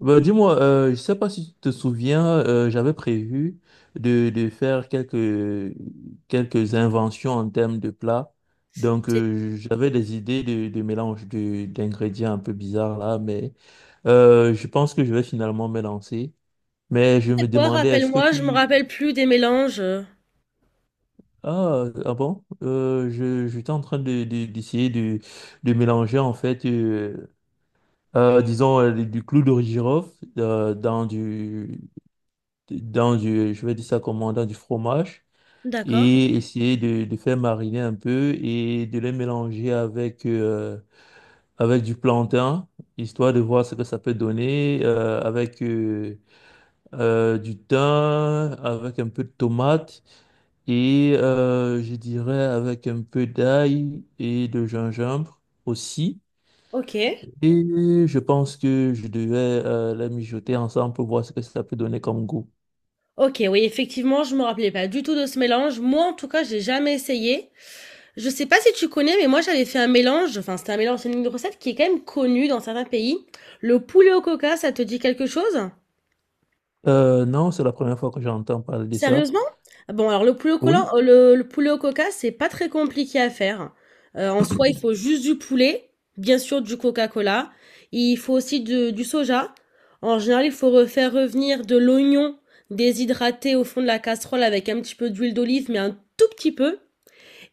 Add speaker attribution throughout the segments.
Speaker 1: Bah, dis-moi, je sais pas si tu te souviens, j'avais prévu de faire quelques inventions en termes de plats. Donc,
Speaker 2: C'était
Speaker 1: j'avais des idées de mélange de, d'ingrédients un peu bizarres là, mais je pense que je vais finalement me lancer. Mais je me
Speaker 2: quoi?
Speaker 1: demandais, est-ce que
Speaker 2: Rappelle-moi, je me
Speaker 1: tu...
Speaker 2: rappelle plus des mélanges.
Speaker 1: Ah, ah bon? J'étais en train de, d'essayer de mélanger en fait, disons, du clou de girofle euh, dans du... dans du, je vais dire ça comment, dans du fromage
Speaker 2: D'accord.
Speaker 1: et essayer de faire mariner un peu et de les mélanger avec, avec du plantain, histoire de voir ce que ça peut donner, avec du thym, avec un peu de tomate et je dirais avec un peu d'ail et de gingembre aussi.
Speaker 2: OK.
Speaker 1: Et je pense que je devais les mijoter ensemble pour voir ce que ça peut donner comme goût.
Speaker 2: OK, oui, effectivement, je me rappelais pas du tout de ce mélange. Moi, en tout cas, j'ai jamais essayé. Je sais pas si tu connais, mais moi, j'avais fait un mélange. Enfin, c'était un mélange, c'est une recette qui est quand même connue dans certains pays. Le poulet au coca, ça te dit quelque chose?
Speaker 1: Non, c'est la première fois que j'entends parler de ça.
Speaker 2: Sérieusement? Ah bon, alors le poulet au collant
Speaker 1: Oui.
Speaker 2: le poulet au coca, c'est pas très compliqué à faire. En soi, il faut juste du poulet, bien sûr du Coca-Cola. Il faut aussi de du soja. En général, il faut re faire revenir de l'oignon déshydraté au fond de la casserole avec un petit peu d'huile d'olive, mais un tout petit peu,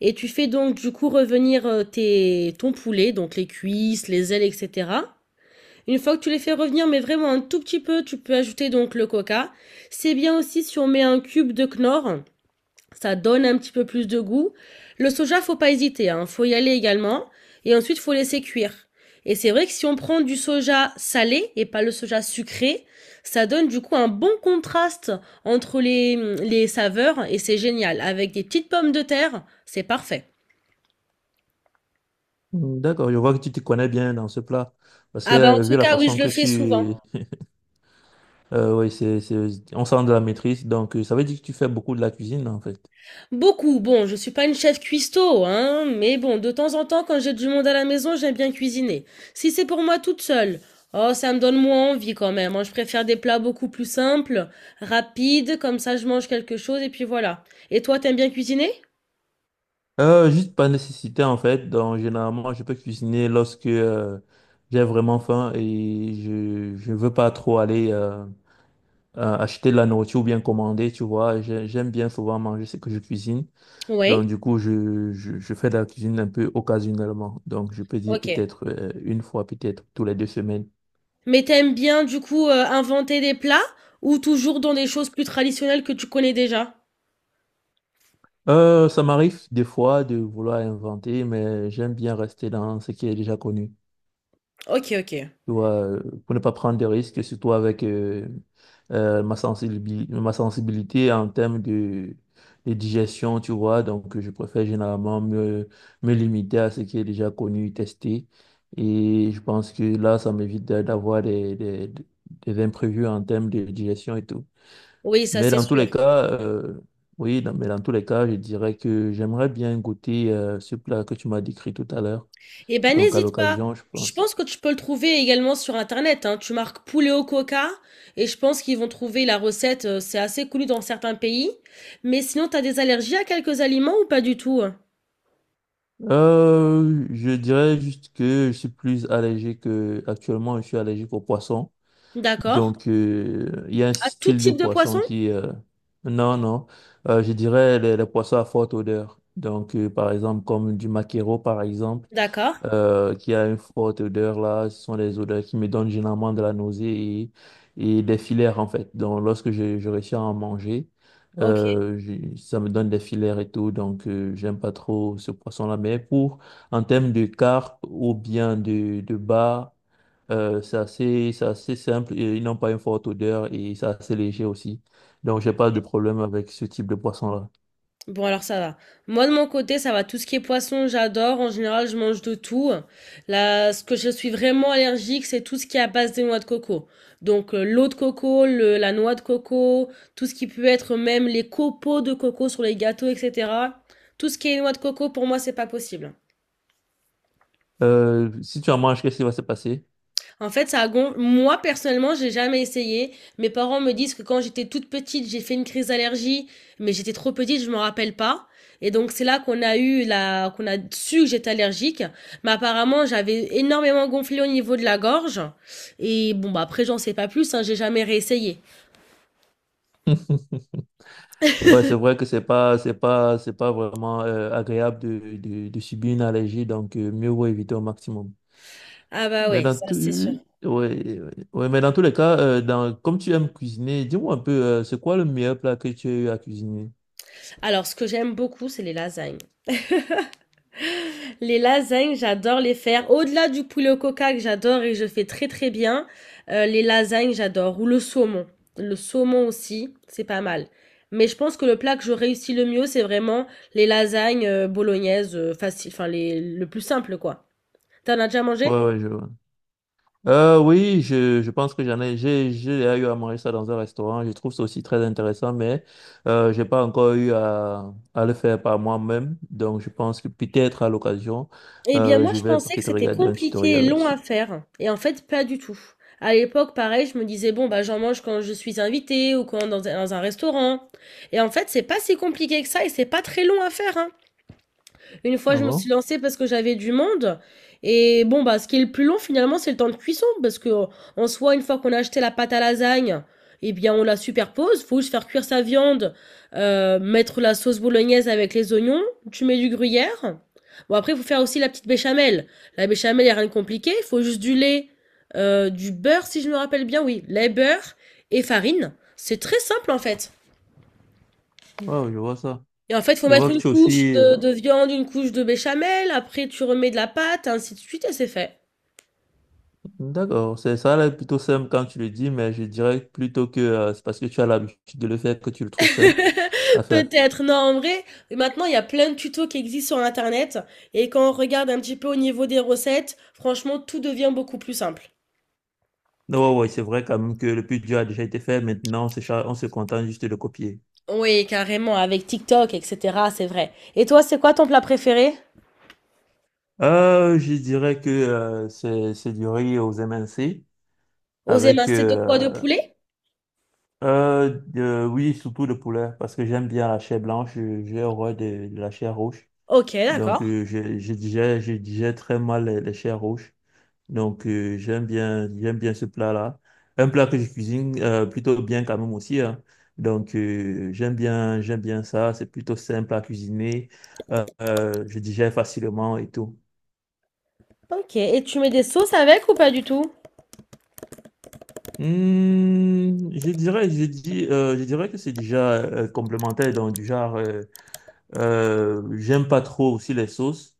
Speaker 2: et tu fais donc du coup revenir, tes ton poulet, donc les cuisses, les ailes et cetera. Une fois que tu les fais revenir, mais vraiment un tout petit peu, tu peux ajouter donc le coca. C'est bien aussi si on met un cube de Knorr, ça donne un petit peu plus de goût. Le soja, faut pas hésiter, hein, faut y aller également. Et ensuite, faut laisser cuire. Et c'est vrai que si on prend du soja salé et pas le soja sucré, ça donne du coup un bon contraste entre les saveurs, et c'est génial. Avec des petites pommes de terre, c'est parfait.
Speaker 1: Mm, d'accord, je vois que tu te connais bien dans ce plat. Parce que
Speaker 2: Ah bah en tout
Speaker 1: vu la
Speaker 2: cas, oui,
Speaker 1: façon
Speaker 2: je le
Speaker 1: que
Speaker 2: fais souvent.
Speaker 1: tu... oui, on sent de la maîtrise. Donc, ça veut dire que tu fais beaucoup de la cuisine, en fait.
Speaker 2: Beaucoup. Bon, je suis pas une chef cuistot, hein, mais bon, de temps en temps, quand j'ai du monde à la maison, j'aime bien cuisiner. Si c'est pour moi toute seule, oh, ça me donne moins envie quand même, hein. Je préfère des plats beaucoup plus simples, rapides, comme ça je mange quelque chose et puis voilà. Et toi, t'aimes bien cuisiner?
Speaker 1: Juste par nécessité, en fait. Donc, généralement, je peux cuisiner lorsque j'ai vraiment faim et je veux pas trop aller acheter de la nourriture ou bien commander, tu vois. J'aime bien souvent manger ce que je cuisine. Donc,
Speaker 2: Oui.
Speaker 1: du coup, je fais de la cuisine un peu occasionnellement. Donc, je peux dire
Speaker 2: Ok.
Speaker 1: peut-être une fois, peut-être tous les deux semaines.
Speaker 2: Mais t'aimes bien du coup inventer des plats, ou toujours dans des choses plus traditionnelles que tu connais déjà?
Speaker 1: Ça m'arrive des fois de vouloir inventer, mais j'aime bien rester dans ce qui est déjà connu.
Speaker 2: Ok, ok.
Speaker 1: Tu vois, pour ne pas prendre des risques, surtout avec ma sensibilité en termes de digestion, tu vois. Donc, je préfère généralement me limiter à ce qui est déjà connu, testé. Et je pense que là, ça m'évite d'avoir des imprévus en termes de digestion et tout.
Speaker 2: Oui, ça
Speaker 1: Mais
Speaker 2: c'est
Speaker 1: dans tous
Speaker 2: sûr.
Speaker 1: les cas, oui, dans- mais dans tous les cas, je dirais que j'aimerais bien goûter ce plat que tu m'as décrit tout à l'heure.
Speaker 2: Eh ben,
Speaker 1: Donc, à
Speaker 2: n'hésite pas.
Speaker 1: l'occasion, je
Speaker 2: Je
Speaker 1: pense.
Speaker 2: pense que tu peux le trouver également sur Internet, hein. Tu marques poulet au coca et je pense qu'ils vont trouver la recette. C'est assez connu dans certains pays. Mais sinon, tu as des allergies à quelques aliments ou pas du tout?
Speaker 1: Je dirais juste que je suis plus allergique. Actuellement, je suis allergique aux poissons.
Speaker 2: D'accord.
Speaker 1: Donc, il y a un
Speaker 2: À tout
Speaker 1: style de
Speaker 2: type de
Speaker 1: poisson
Speaker 2: poisson?
Speaker 1: qui... non, non. Je dirais les poissons à forte odeur. Donc, par exemple, comme du maquereau, par exemple
Speaker 2: D'accord.
Speaker 1: qui a une forte odeur là. Ce sont des odeurs qui me donnent généralement de la nausée et des filaires en fait. Donc lorsque je réussis à en manger,
Speaker 2: Ok.
Speaker 1: ça me donne des filaires et tout. Donc j'aime pas trop ce poisson-là. Mais pour en termes de carpe ou bien de bar, c'est assez simple. Et ils n'ont pas une forte odeur et c'est assez léger aussi. Donc j'ai pas de problème avec ce type de poisson-là.
Speaker 2: Bon, alors ça va. Moi, de mon côté, ça va. Tout ce qui est poisson, j'adore. En général, je mange de tout. Là, ce que je suis vraiment allergique, c'est tout ce qui est à base de noix de coco. Donc, l'eau de coco, la noix de coco, tout ce qui peut être même les copeaux de coco sur les gâteaux, etc. Tout ce qui est noix de coco, pour moi, c'est pas possible.
Speaker 1: Si tu en manges, qu'est-ce qui va se passer?
Speaker 2: En fait, ça a moi personnellement, j'ai jamais essayé. Mes parents me disent que quand j'étais toute petite, j'ai fait une crise d'allergie, mais j'étais trop petite, je m'en rappelle pas. Et donc c'est là qu'on a su que j'étais allergique, mais apparemment j'avais énormément gonflé au niveau de la gorge, et bon bah après j'en sais pas plus, hein, j'ai jamais réessayé.
Speaker 1: Ouais, c'est vrai que c'est pas vraiment agréable de subir une allergie, donc mieux vaut éviter au maximum.
Speaker 2: Ah bah
Speaker 1: Mais
Speaker 2: ouais,
Speaker 1: dans
Speaker 2: ça
Speaker 1: tout,
Speaker 2: c'est sûr.
Speaker 1: ouais, ouais, ouais, mais dans tous les cas, comme tu aimes cuisiner, dis-moi un peu, c'est quoi le meilleur plat que tu as eu à cuisiner?
Speaker 2: Alors ce que j'aime beaucoup, c'est les lasagnes. Les lasagnes, j'adore les faire. Au-delà du poulet au coca que j'adore et que je fais très très bien, les lasagnes, j'adore. Ou le saumon. Le saumon aussi, c'est pas mal. Mais je pense que le plat que je réussis le mieux, c'est vraiment les lasagnes bolognaises, faciles, enfin le plus simple quoi. T'en as déjà
Speaker 1: Ouais,
Speaker 2: mangé?
Speaker 1: ouais, je vois. Oui, je pense que j'ai déjà eu à manger ça dans un restaurant. Je trouve ça aussi très intéressant, mais j'ai pas encore eu à le faire par moi-même. Donc, je pense que peut-être à l'occasion,
Speaker 2: Eh bien
Speaker 1: euh,
Speaker 2: moi,
Speaker 1: je
Speaker 2: je
Speaker 1: vais
Speaker 2: pensais que
Speaker 1: peut-être
Speaker 2: c'était
Speaker 1: regarder un
Speaker 2: compliqué
Speaker 1: tutoriel
Speaker 2: et long à
Speaker 1: là-dessus.
Speaker 2: faire. Et en fait, pas du tout. À l'époque, pareil, je me disais, bon, bah, j'en mange quand je suis invitée ou quand dans un restaurant. Et en fait, c'est pas si compliqué que ça et c'est pas très long à faire, hein. Une fois,
Speaker 1: Ah
Speaker 2: je me suis
Speaker 1: bon?
Speaker 2: lancée parce que j'avais du monde. Et bon, bah, ce qui est le plus long, finalement, c'est le temps de cuisson. Parce que, en soi, une fois qu'on a acheté la pâte à lasagne, eh bien, on la superpose. Faut juste faire cuire sa viande, mettre la sauce bolognaise avec les oignons. Tu mets du gruyère. Bon, après, faut faire aussi la petite béchamel. La béchamel, y a rien de compliqué. Faut juste du lait, du beurre, si je me rappelle bien. Oui, lait, beurre et farine. C'est très simple, en fait.
Speaker 1: Wow, je vois ça.
Speaker 2: Et en fait, faut
Speaker 1: Je
Speaker 2: mettre
Speaker 1: vois que
Speaker 2: une
Speaker 1: tu es
Speaker 2: couche
Speaker 1: aussi.
Speaker 2: de viande, une couche de béchamel, après tu remets de la pâte, ainsi de suite, et c'est fait.
Speaker 1: D'accord, c'est ça, là, plutôt simple quand tu le dis, mais je dirais plutôt que c'est parce que tu as l'habitude de le faire que tu le trouves simple à faire.
Speaker 2: Peut-être, non, en vrai, maintenant, il y a plein de tutos qui existent sur Internet, et quand on regarde un petit peu au niveau des recettes, franchement, tout devient beaucoup plus simple.
Speaker 1: Non, ouais, ouais, c'est vrai quand même que le plus dur a déjà été fait. Maintenant, on se contente juste de le copier.
Speaker 2: Oui, carrément, avec TikTok, etc., c'est vrai. Et toi, c'est quoi ton plat préféré?
Speaker 1: Je dirais que c'est du riz aux MNC
Speaker 2: Aux
Speaker 1: avec
Speaker 2: émincés de quoi? De poulet?
Speaker 1: oui surtout le poulet parce que j'aime bien la chair blanche j'ai horreur de la chair rouge
Speaker 2: Ok,
Speaker 1: donc
Speaker 2: d'accord.
Speaker 1: je digère très mal les chairs rouges donc j'aime bien ce plat-là, un plat que je cuisine plutôt bien quand même aussi, hein. Donc j'aime bien ça, c'est plutôt simple à cuisiner. Je digère facilement et tout.
Speaker 2: Ok, et tu mets des sauces avec ou pas du tout?
Speaker 1: Je dirais que c'est déjà complémentaire dans du genre. J'aime pas trop aussi les sauces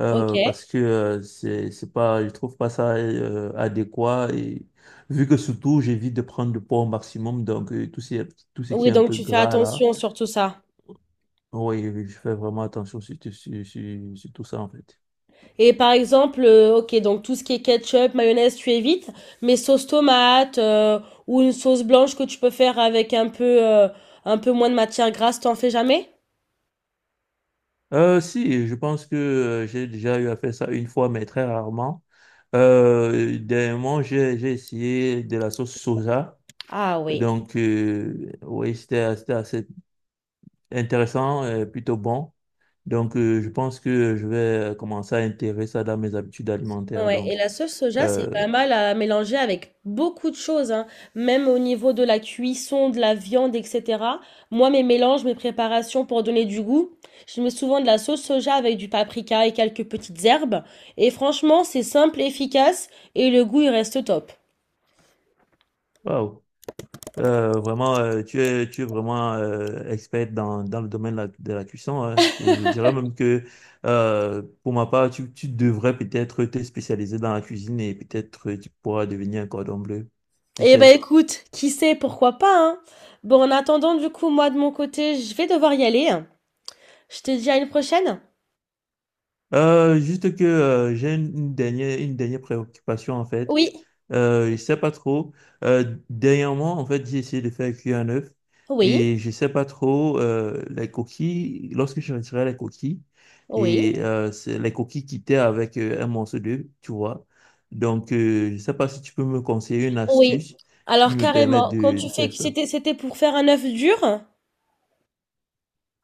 Speaker 2: Ok.
Speaker 1: parce que c'est pas, je trouve pas ça adéquat, et vu que surtout j'évite de prendre du poids au maximum, donc tout ce qui
Speaker 2: Oui,
Speaker 1: est un
Speaker 2: donc
Speaker 1: peu
Speaker 2: tu fais
Speaker 1: gras là,
Speaker 2: attention sur tout ça.
Speaker 1: oui, je fais vraiment attention sur tout ça en fait.
Speaker 2: Et par exemple, ok, donc tout ce qui est ketchup, mayonnaise, tu évites, mais sauce tomate ou une sauce blanche que tu peux faire avec un peu moins de matière grasse, t'en fais jamais?
Speaker 1: Si, je pense que j'ai déjà eu à faire ça une fois, mais très rarement. Dernièrement, j'ai essayé de la sauce soja.
Speaker 2: Ah oui.
Speaker 1: Donc, oui, c'était assez intéressant, plutôt bon. Donc, je pense que je vais commencer à intégrer ça dans mes habitudes alimentaires.
Speaker 2: Ouais, et la sauce soja, c'est
Speaker 1: Euh,
Speaker 2: pas mal à mélanger avec beaucoup de choses, hein. Même au niveau de la cuisson, de la viande, etc. Moi, mes mélanges, mes préparations pour donner du goût, je mets souvent de la sauce soja avec du paprika et quelques petites herbes. Et franchement, c'est simple, efficace, et le goût, il reste top.
Speaker 1: Waouh. Vraiment, tu es vraiment experte dans le domaine de de la cuisson, hein. Et je dirais même que pour ma part, tu devrais peut-être te spécialiser dans la cuisine et peut-être tu pourras devenir un cordon bleu. Qui
Speaker 2: Eh ben
Speaker 1: sait?
Speaker 2: écoute, qui sait, pourquoi pas, hein? Bon, en attendant, du coup, moi, de mon côté, je vais devoir y aller. Je te dis à une prochaine?
Speaker 1: Juste que j'ai une dernière préoccupation en fait.
Speaker 2: Oui,
Speaker 1: Je sais pas trop. Dernièrement, en fait, j'ai essayé de faire cuire un œuf
Speaker 2: oui,
Speaker 1: et je sais pas trop les coquilles. Lorsque je retirais les coquilles
Speaker 2: oui,
Speaker 1: et c'est les coquilles quittaient avec un morceau d'œuf, tu vois. Donc, je sais pas si tu peux me conseiller une
Speaker 2: oui.
Speaker 1: astuce qui
Speaker 2: Alors,
Speaker 1: me permette
Speaker 2: carrément, quand tu
Speaker 1: de
Speaker 2: fais,
Speaker 1: faire ça.
Speaker 2: c'était pour faire un œuf dur?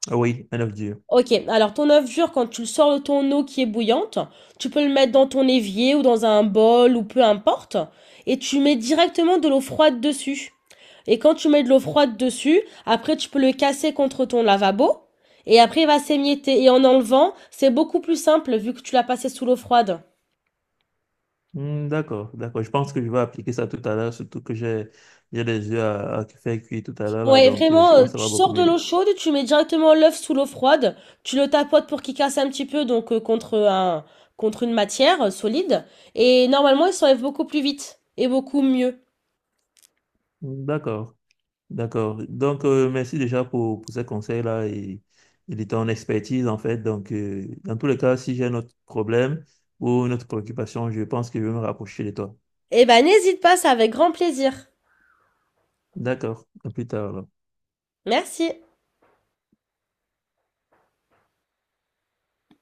Speaker 1: Ah oui, un œuf dur.
Speaker 2: Ok, alors ton œuf dur, quand tu le sors de ton eau qui est bouillante, tu peux le mettre dans ton évier ou dans un bol ou peu importe, et tu mets directement de l'eau froide dessus. Et quand tu mets de l'eau froide dessus, après tu peux le casser contre ton lavabo, et après il va s'émietter. Et en enlevant, c'est beaucoup plus simple vu que tu l'as passé sous l'eau froide.
Speaker 1: Hmm, d'accord, d'accord. Je pense que je vais appliquer ça tout à l'heure, surtout que j'ai des œufs à faire cuire tout à l'heure là,
Speaker 2: Ouais,
Speaker 1: donc je
Speaker 2: vraiment,
Speaker 1: pense que ça
Speaker 2: tu
Speaker 1: va beaucoup
Speaker 2: sors de l'eau
Speaker 1: m'aider.
Speaker 2: chaude, tu mets directement l'œuf sous l'eau froide, tu le tapotes pour qu'il casse un petit peu, contre une matière solide, et normalement il s'enlève beaucoup plus vite et beaucoup mieux.
Speaker 1: Hmm, d'accord. D'accord. Donc, merci déjà pour ces conseils-là et de ton expertise, en fait. Donc, dans tous les cas, si j'ai un autre problème ou une autre préoccupation, je pense que je vais me rapprocher de toi.
Speaker 2: Eh ben n'hésite pas, c'est avec grand plaisir.
Speaker 1: D'accord. À plus tard, alors.
Speaker 2: Merci.